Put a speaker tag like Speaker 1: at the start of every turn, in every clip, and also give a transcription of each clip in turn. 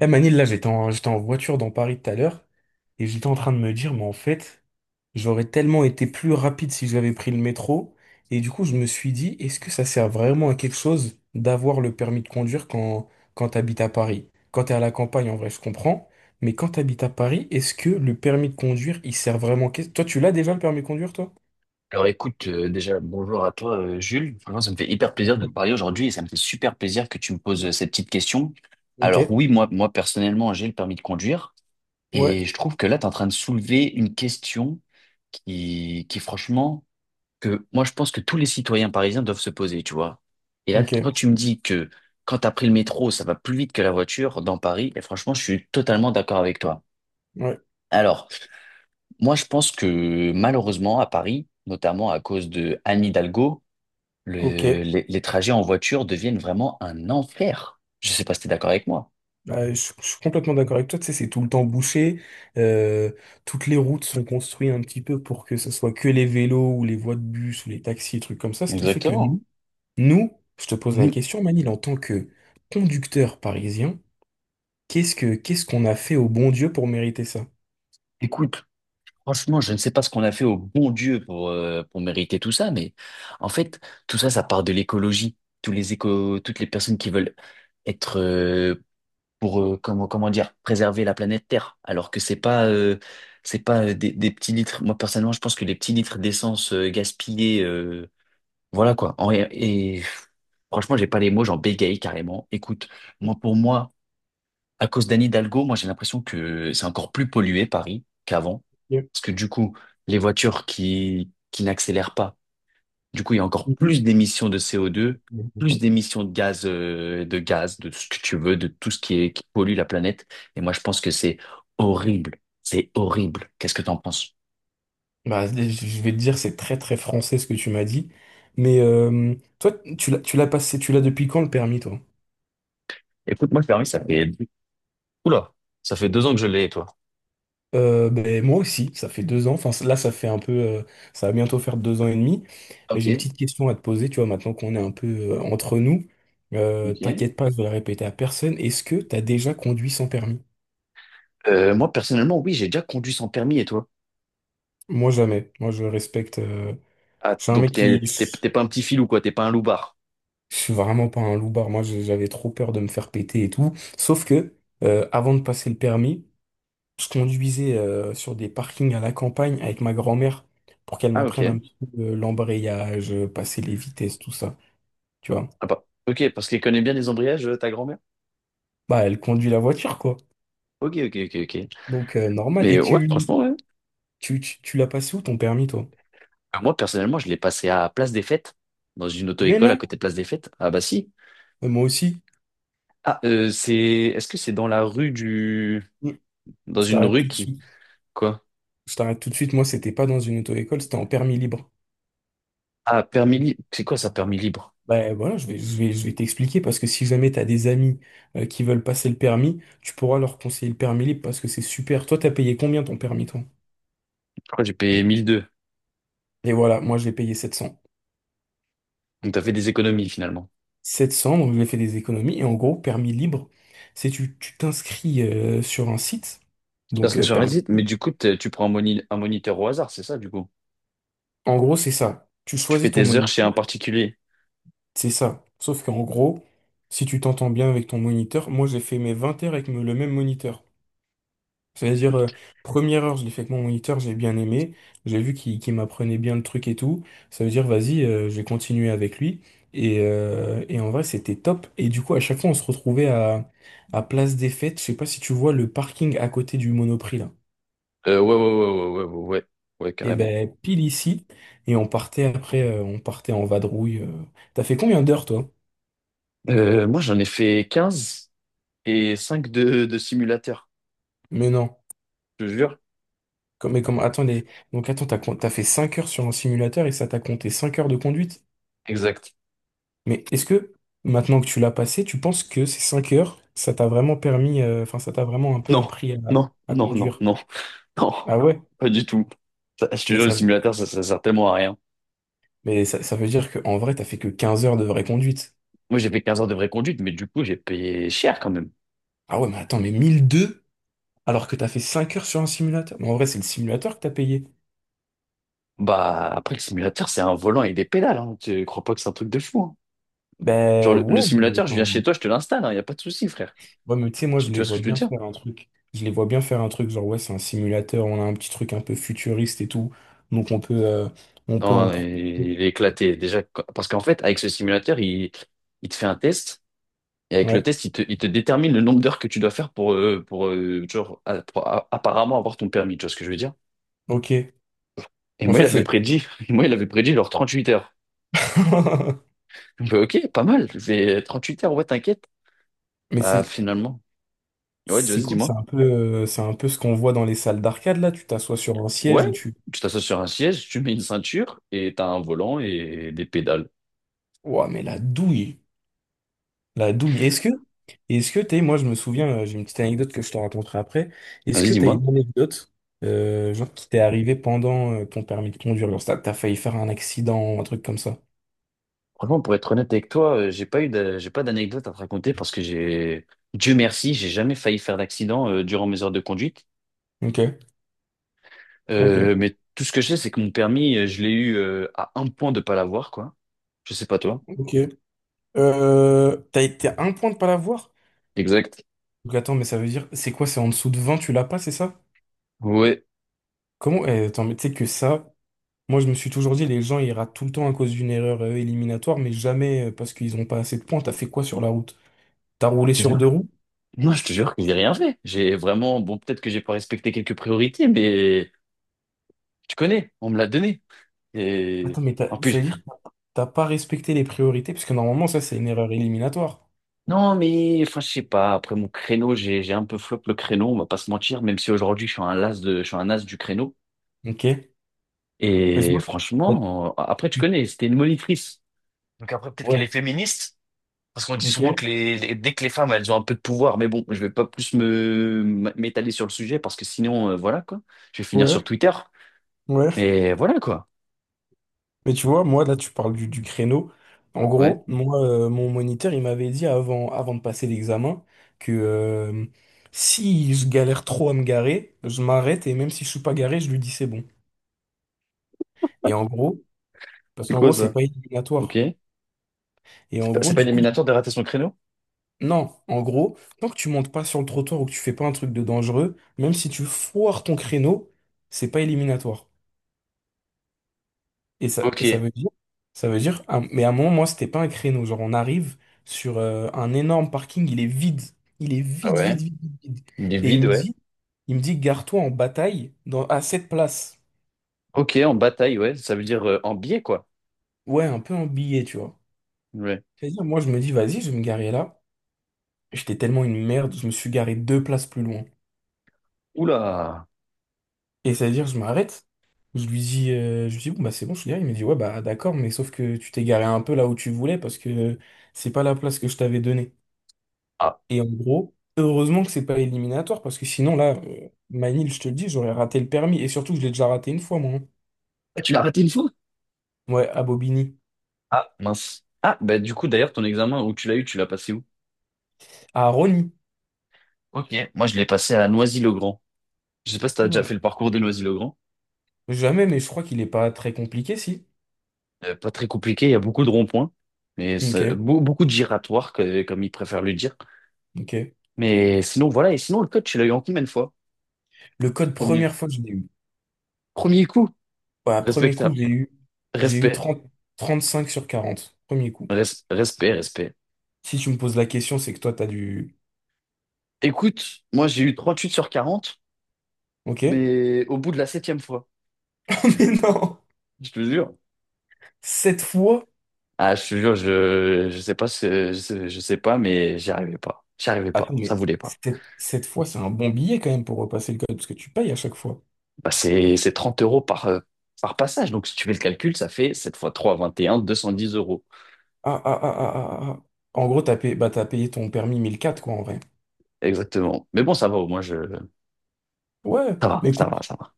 Speaker 1: Eh Manil, là j'étais en voiture dans Paris tout à l'heure et j'étais en train de me dire, mais en fait, j'aurais tellement été plus rapide si j'avais pris le métro. Et du coup, je me suis dit, est-ce que ça sert vraiment à quelque chose d'avoir le permis de conduire quand t'habites à Paris? Quand t'es à la campagne, en vrai, je comprends. Mais quand t'habites à Paris, est-ce que le permis de conduire, il sert vraiment? Toi, tu l'as déjà le permis de conduire, toi?
Speaker 2: Alors écoute, déjà bonjour à toi, Jules. Franchement, ça me fait hyper plaisir de te
Speaker 1: Oui.
Speaker 2: parler aujourd'hui et ça me fait super plaisir que tu me poses cette petite question.
Speaker 1: Ok.
Speaker 2: Alors oui, moi, personnellement, j'ai le permis de conduire
Speaker 1: Ouais.
Speaker 2: et je trouve que là, tu es en train de soulever une question qui franchement, que moi, je pense que tous les citoyens parisiens doivent se poser, tu vois. Et là,
Speaker 1: Ok.
Speaker 2: quand tu me dis que quand tu as pris le métro, ça va plus vite que la voiture dans Paris, et franchement, je suis totalement d'accord avec toi.
Speaker 1: Ouais.
Speaker 2: Alors, moi, je pense que malheureusement, à Paris, notamment à cause de Anne Hidalgo,
Speaker 1: Ok.
Speaker 2: les trajets en voiture deviennent vraiment un enfer. Je sais pas si tu es d'accord avec moi.
Speaker 1: Bah, je suis complètement d'accord avec toi, tu sais, c'est tout le temps bouché. euh, Toutes les routes sont construites un petit peu pour que ce soit que les vélos ou les voies de bus ou les taxis, trucs comme ça, ce qui fait que. Mhm.
Speaker 2: Exactement.
Speaker 1: Nous, je te pose la
Speaker 2: Nous-
Speaker 1: question, Manil, en tant que conducteur parisien, qu'est-ce qu'on a fait au bon Dieu pour mériter ça?
Speaker 2: écoute, franchement, je ne sais pas ce qu'on a fait au bon Dieu pour mériter tout ça, mais en fait, tout ça, ça part de l'écologie. Toutes les personnes qui veulent être pour comment dire, préserver la planète Terre alors que c'est pas des petits litres, moi personnellement je pense que les petits litres d'essence gaspillés, voilà quoi. Franchement, j'ai pas les mots, j'en bégaye carrément. Écoute, moi, pour moi, à cause d'Anne Hidalgo, moi j'ai l'impression que c'est encore plus pollué Paris qu'avant.
Speaker 1: Bien.
Speaker 2: Parce que du coup, les voitures qui n'accélèrent pas, du coup, il y a encore
Speaker 1: Mhm.
Speaker 2: plus d'émissions de CO2, plus
Speaker 1: Mhm.
Speaker 2: d'émissions de gaz, de tout ce que tu veux, de tout ce qui est, qui pollue la planète. Et moi, je pense que c'est horrible. C'est horrible. Qu'est-ce que t'en penses?
Speaker 1: Bah, je vais te dire, c'est très très français ce que tu m'as dit, mais toi, tu l'as passé, tu l'as depuis quand le permis, toi?
Speaker 2: Écoute, moi, le permis, oula, ça fait 2 ans que je l'ai, et toi?
Speaker 1: Ben, moi aussi, ça fait 2 ans. Enfin, là, ça fait un peu, ça va bientôt faire 2 ans et demi. Mais
Speaker 2: Ok,
Speaker 1: j'ai une petite question à te poser. Tu vois, maintenant qu'on est un peu entre nous,
Speaker 2: ok.
Speaker 1: t'inquiète pas, je vais la répéter à personne. Est-ce que t'as déjà conduit sans permis?
Speaker 2: Moi, personnellement, oui, j'ai déjà conduit sans permis, et toi?
Speaker 1: Moi, jamais. Moi, je respecte.
Speaker 2: Ah,
Speaker 1: Je suis un
Speaker 2: donc
Speaker 1: mec qui,
Speaker 2: t'es pas un petit filou, quoi, t'es pas un loupard.
Speaker 1: je suis vraiment pas un loupard. Moi, j'avais trop peur de me faire péter et tout. Sauf que, avant de passer le permis. Se conduisait sur des parkings à la campagne avec ma grand-mère pour qu'elle
Speaker 2: Ah,
Speaker 1: m'apprenne
Speaker 2: ok.
Speaker 1: un petit peu l'embrayage, passer les vitesses, tout ça. Tu vois?
Speaker 2: Ah bah, ok, parce qu'elle connaît bien les embrayages, ta grand-mère.
Speaker 1: Bah, elle conduit la voiture, quoi.
Speaker 2: Ok, ok, ok, ok.
Speaker 1: Donc, normal.
Speaker 2: Mais
Speaker 1: Et
Speaker 2: euh, ouais,
Speaker 1: tu,
Speaker 2: franchement, ouais.
Speaker 1: tu, tu, tu l'as passé où ton permis, toi?
Speaker 2: Moi, personnellement, je l'ai passé à Place des Fêtes, dans une
Speaker 1: Mais
Speaker 2: auto-école à
Speaker 1: non,
Speaker 2: côté de Place des Fêtes, à Bassy.
Speaker 1: Moi aussi.
Speaker 2: Ah, c'est. Est-ce que c'est dans la rue du.
Speaker 1: Mm.
Speaker 2: Dans
Speaker 1: Je
Speaker 2: une
Speaker 1: t'arrête
Speaker 2: rue
Speaker 1: tout de
Speaker 2: qui.
Speaker 1: suite.
Speaker 2: Quoi?
Speaker 1: Je t'arrête tout de suite. Moi, c'était pas dans une auto-école, c'était en permis libre.
Speaker 2: Ah, permis libre. C'est quoi ça, permis libre?
Speaker 1: Ben voilà, je vais t'expliquer parce que si jamais t'as des amis qui veulent passer le permis, tu pourras leur conseiller le permis libre parce que c'est super. Toi, t'as payé combien ton permis, toi?
Speaker 2: Je crois que j'ai payé 1002.
Speaker 1: Et voilà, moi j'ai payé 700.
Speaker 2: Donc t'as fait des économies finalement.
Speaker 1: 700, donc j'ai fait des économies. Et en gros, permis libre, c'est tu t'inscris sur un site,
Speaker 2: Parce
Speaker 1: donc
Speaker 2: que sur
Speaker 1: permis.
Speaker 2: Reddit, mais du coup, tu prends un moniteur au hasard, c'est ça, du coup?
Speaker 1: En gros, c'est ça. Tu
Speaker 2: Tu
Speaker 1: choisis
Speaker 2: fais
Speaker 1: ton
Speaker 2: tes heures chez un
Speaker 1: moniteur,
Speaker 2: particulier.
Speaker 1: c'est ça. Sauf qu'en gros, si tu t'entends bien avec ton moniteur, moi j'ai fait mes 20 heures avec le même moniteur. C'est-à-dire, première heure, je l'ai fait avec mon moniteur, j'ai bien aimé. J'ai vu qu'il m'apprenait bien le truc et tout. Ça veut dire, vas-y, je vais continuer avec lui. Et en vrai, c'était top. Et du coup, à chaque fois, on se retrouvait à Place des Fêtes. Je sais pas si tu vois le parking à côté du Monoprix, là.
Speaker 2: Ouais, ouais, ouais, ouais, ouais, ouais, ouais, ouais,
Speaker 1: Et
Speaker 2: carrément.
Speaker 1: ben, pile ici. Et on partait après, on partait en vadrouille. T'as fait combien d'heures, toi?
Speaker 2: Moi, j'en ai fait 15 et 5 de simulateurs,
Speaker 1: Mais non.
Speaker 2: je te jure.
Speaker 1: Mais comme, attendez. Donc, attends, t'as fait 5 heures sur un simulateur et ça t'a compté 5 heures de conduite?
Speaker 2: Exact.
Speaker 1: Mais est-ce que, maintenant que tu l'as passé, tu penses que ces 5 heures, ça t'a vraiment permis, enfin, ça t'a vraiment un peu
Speaker 2: Non,
Speaker 1: appris à,
Speaker 2: non,
Speaker 1: à
Speaker 2: non, non,
Speaker 1: conduire?
Speaker 2: non, non,
Speaker 1: Ah ouais?
Speaker 2: pas du tout. Ça, je te
Speaker 1: Mais
Speaker 2: jure, le
Speaker 1: ça,
Speaker 2: simulateur, ça sert tellement à rien.
Speaker 1: Ça veut dire qu'en vrai, t'as fait que 15 heures de vraie conduite.
Speaker 2: Moi, j'ai fait 15 heures de vraie conduite, mais du coup, j'ai payé cher quand même.
Speaker 1: Ah ouais, mais attends, mais 1002 alors que t'as fait 5 heures sur un simulateur? Mais en vrai, c'est le simulateur que t'as payé.
Speaker 2: Bah, après, le simulateur, c'est un volant et des pédales, hein. Tu crois pas que c'est un truc de fou, hein. Genre,
Speaker 1: Ben
Speaker 2: le
Speaker 1: ouais, mais,
Speaker 2: simulateur, je viens chez
Speaker 1: enfin,
Speaker 2: toi, je te l'installe. Il n'y a pas de souci, frère.
Speaker 1: ouais, mais tu sais, moi, je
Speaker 2: Tu
Speaker 1: les
Speaker 2: vois ce
Speaker 1: vois
Speaker 2: que je veux
Speaker 1: bien
Speaker 2: dire?
Speaker 1: faire un truc. Je les vois bien faire un truc, genre, ouais, c'est un simulateur, on a un petit truc un peu futuriste et tout. Donc, on peut en
Speaker 2: Non, il est éclaté. Déjà, parce qu'en fait, avec ce simulateur, il te fait un test. Et avec le
Speaker 1: ouais,
Speaker 2: test, il te détermine le nombre d'heures que tu dois faire pour, genre, apparemment avoir ton permis. Tu vois ce que je veux dire?
Speaker 1: ok.
Speaker 2: Et
Speaker 1: En
Speaker 2: moi, il
Speaker 1: fait,
Speaker 2: avait
Speaker 1: c'est
Speaker 2: prédit, moi, il avait prédit genre 38 heures. Je fais, ok, pas mal. C'est 38 heures, ouais, t'inquiète.
Speaker 1: mais
Speaker 2: Bah,
Speaker 1: c'est
Speaker 2: finalement. Ouais,
Speaker 1: c'est
Speaker 2: vas-y,
Speaker 1: cool, c'est
Speaker 2: dis-moi.
Speaker 1: un peu euh, c'est un peu ce qu'on voit dans les salles d'arcade là, tu t'assois sur un siège
Speaker 2: Ouais,
Speaker 1: et tu.
Speaker 2: tu t'assois sur un siège, tu mets une ceinture et t'as un volant et des pédales.
Speaker 1: Ouah, mais la douille, la douille. Est-ce que t'es Moi, je me souviens, j'ai une petite anecdote que je te raconterai après. Est-ce
Speaker 2: Vas-y,
Speaker 1: que t'as
Speaker 2: dis-moi.
Speaker 1: une anecdote genre qui t'est arrivée pendant ton permis de conduire, genre t'as failli faire un accident, un truc comme ça.
Speaker 2: Franchement, pour être honnête avec toi, j'ai pas d'anecdote à te raconter parce que j'ai, Dieu merci, j'ai jamais failli faire d'accident durant mes heures de conduite.
Speaker 1: Ok, ok,
Speaker 2: Mais tout ce que je sais, c'est que mon permis, je l'ai eu, à un point de pas l'avoir, quoi. Je sais pas toi.
Speaker 1: ok. T'as été à un point de pas l'avoir?
Speaker 2: Exact.
Speaker 1: Donc attends, mais ça veut dire c'est quoi? C'est en dessous de 20, tu l'as pas, c'est ça?
Speaker 2: Ouais.
Speaker 1: Comment? Eh, attends, mais tu sais que ça. Moi, je me suis toujours dit, les gens, ils ratent tout le temps à cause d'une erreur éliminatoire, mais jamais parce qu'ils n'ont pas assez de points. T'as fait quoi sur la route? T'as roulé
Speaker 2: Je te
Speaker 1: sur
Speaker 2: jure.
Speaker 1: deux roues?
Speaker 2: Non, je te jure que j'ai rien fait. J'ai vraiment, bon, peut-être que j'ai pas respecté quelques priorités, mais tu connais, on me l'a donné. Et
Speaker 1: Attends, mais
Speaker 2: en plus,
Speaker 1: c'est-à-dire que t'as pas respecté les priorités, parce que normalement, ça, c'est une erreur éliminatoire.
Speaker 2: non, mais enfin, je sais pas. Après mon créneau, j'ai un peu flop le créneau. On va pas se mentir, même si aujourd'hui je suis un as du créneau.
Speaker 1: Ok? Mais tu
Speaker 2: Et
Speaker 1: vois, là,
Speaker 2: franchement, après, tu
Speaker 1: tu-
Speaker 2: connais, c'était une monitrice. Donc après, peut-être qu'elle est
Speaker 1: ouais,
Speaker 2: féministe, parce qu'on dit
Speaker 1: ok,
Speaker 2: souvent que dès que les femmes elles ont un peu de pouvoir, mais bon, je vais pas plus me m'étaler sur le sujet, parce que sinon, voilà, quoi. Je vais finir sur
Speaker 1: ouais,
Speaker 2: Twitter.
Speaker 1: ouais.
Speaker 2: Mais voilà, quoi.
Speaker 1: Mais tu vois, moi, là, tu parles du créneau. En
Speaker 2: Ouais.
Speaker 1: gros, moi, mon moniteur, il m'avait dit avant de passer l'examen que si je galère trop à me garer, je m'arrête et même si je suis pas garé, je lui dis c'est bon. Et en gros, Parce
Speaker 2: C'est
Speaker 1: qu'en
Speaker 2: quoi
Speaker 1: gros, c'est
Speaker 2: ça?
Speaker 1: pas
Speaker 2: Ok.
Speaker 1: éliminatoire. Et en
Speaker 2: C'est
Speaker 1: gros,
Speaker 2: pas
Speaker 1: du coup,
Speaker 2: éliminatoire de rater son créneau?
Speaker 1: non, en gros, tant que tu montes pas sur le trottoir ou que tu fais pas un truc de dangereux, même si tu foires ton créneau, c'est pas éliminatoire. Et ça
Speaker 2: Ok.
Speaker 1: veut dire, ah, mais à un moment, moi, c'était pas un créneau. Genre, on arrive sur un énorme parking, il est vide. Il est
Speaker 2: Ah
Speaker 1: vide, vide,
Speaker 2: ouais.
Speaker 1: vide, vide, vide.
Speaker 2: Il est
Speaker 1: Et il
Speaker 2: vide,
Speaker 1: me
Speaker 2: ouais.
Speaker 1: dit, il me dit, gare-toi en bataille à cette place.
Speaker 2: Ok, en bataille, ouais. Ça veut dire en biais, quoi.
Speaker 1: Ouais, un peu en billet, tu vois.
Speaker 2: Ouais.
Speaker 1: C'est-à-dire, moi, je me dis, vas-y, je vais me garer là. J'étais tellement une merde, je me suis garé 2 places plus loin.
Speaker 2: Oula.
Speaker 1: Et c'est à dire, je m'arrête. Je lui dis, bon, bah, c'est bon, je suis là. Il me dit, ouais, bah, d'accord, mais sauf que tu t'es garé un peu là où tu voulais parce que c'est pas la place que je t'avais donnée.
Speaker 2: Ah,
Speaker 1: Et en gros, heureusement que c'est pas éliminatoire parce que sinon, là, Manil, je te le dis, j'aurais raté le permis. Et surtout, que je l'ai déjà raté une fois, moi, hein.
Speaker 2: tu l'as raté une fois?
Speaker 1: Ouais, à Bobigny.
Speaker 2: Ah, mince. Ah, bah du coup, d'ailleurs, ton examen où tu l'as eu, tu l'as passé où?
Speaker 1: À Rony.
Speaker 2: Ok, moi je l'ai passé à Noisy-le-Grand. Je sais pas si tu as déjà
Speaker 1: Oula.
Speaker 2: fait le parcours de Noisy-le-Grand.
Speaker 1: Jamais, mais je crois qu'il est pas très compliqué, si.
Speaker 2: Pas très compliqué, il y a beaucoup de ronds-points, mais
Speaker 1: Ok,
Speaker 2: beaucoup de giratoires, comme ils préfèrent le dire.
Speaker 1: ok.
Speaker 2: Mais sinon, voilà, et sinon, le coach, il a eu en combien de fois?
Speaker 1: Le code,
Speaker 2: Premier.
Speaker 1: première fois, je l'ai eu.
Speaker 2: Premier coup,
Speaker 1: Ouais, premier coup,
Speaker 2: respectable.
Speaker 1: j'ai eu
Speaker 2: Respect.
Speaker 1: 35/40. Premier coup.
Speaker 2: Respect, respect.
Speaker 1: Si tu me poses la question, c'est que toi, t'as du.
Speaker 2: Écoute, moi j'ai eu 38 sur 40,
Speaker 1: Ok.
Speaker 2: mais au bout de la septième fois,
Speaker 1: Mais non.
Speaker 2: je te jure.
Speaker 1: Cette fois.
Speaker 2: Ah, je te jure, je sais pas, je sais pas, mais j'y arrivais pas. J'y arrivais pas,
Speaker 1: Attends,
Speaker 2: ça
Speaker 1: mais
Speaker 2: voulait pas.
Speaker 1: cette fois, c'est un bon billet quand même pour repasser le code, parce que tu payes à chaque fois.
Speaker 2: Bah, c'est 30 euros par passage. Donc, si tu fais le calcul, ça fait 7 fois trois 21 210 euros.
Speaker 1: Ah, ah, ah, ah, ah, ah, ah. En gros, t'as payé ton permis 1004, quoi, en vrai.
Speaker 2: Exactement. Mais bon, ça va, au moins, je...
Speaker 1: Ouais,
Speaker 2: ça va,
Speaker 1: mais
Speaker 2: ça va, ça va.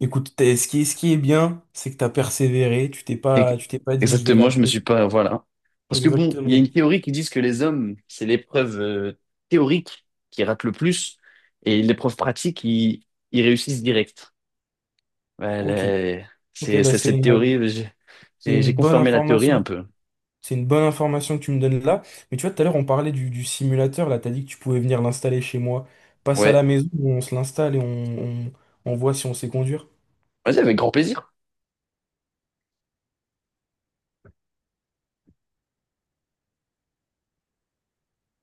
Speaker 1: ce qui est bien, c'est que t'as persévéré, tu t'es
Speaker 2: Et.
Speaker 1: pas, tu t'es pas dit, je vais la
Speaker 2: Exactement, je me
Speaker 1: faire.
Speaker 2: suis pas. Voilà. Parce que bon, il y a
Speaker 1: Exactement.
Speaker 2: une théorie qui dit que les hommes, c'est l'épreuve théorique qui rate le plus et l'épreuve pratique, ils réussissent direct. Ouais,
Speaker 1: Ok. Ok,
Speaker 2: c'est
Speaker 1: bah,
Speaker 2: c'est
Speaker 1: c'est
Speaker 2: cette
Speaker 1: une,
Speaker 2: théorie, j'ai
Speaker 1: c'est
Speaker 2: j'ai-
Speaker 1: une
Speaker 2: j'ai
Speaker 1: bonne
Speaker 2: confirmé la théorie un
Speaker 1: information.
Speaker 2: peu.
Speaker 1: C'est une bonne information que tu me donnes là. Mais tu vois, tout à l'heure, on parlait du simulateur. Là, t'as dit que tu pouvais venir l'installer chez moi. Passe à la
Speaker 2: Ouais,
Speaker 1: maison, on se l'installe et on voit si on sait conduire.
Speaker 2: vas-y, avec grand plaisir.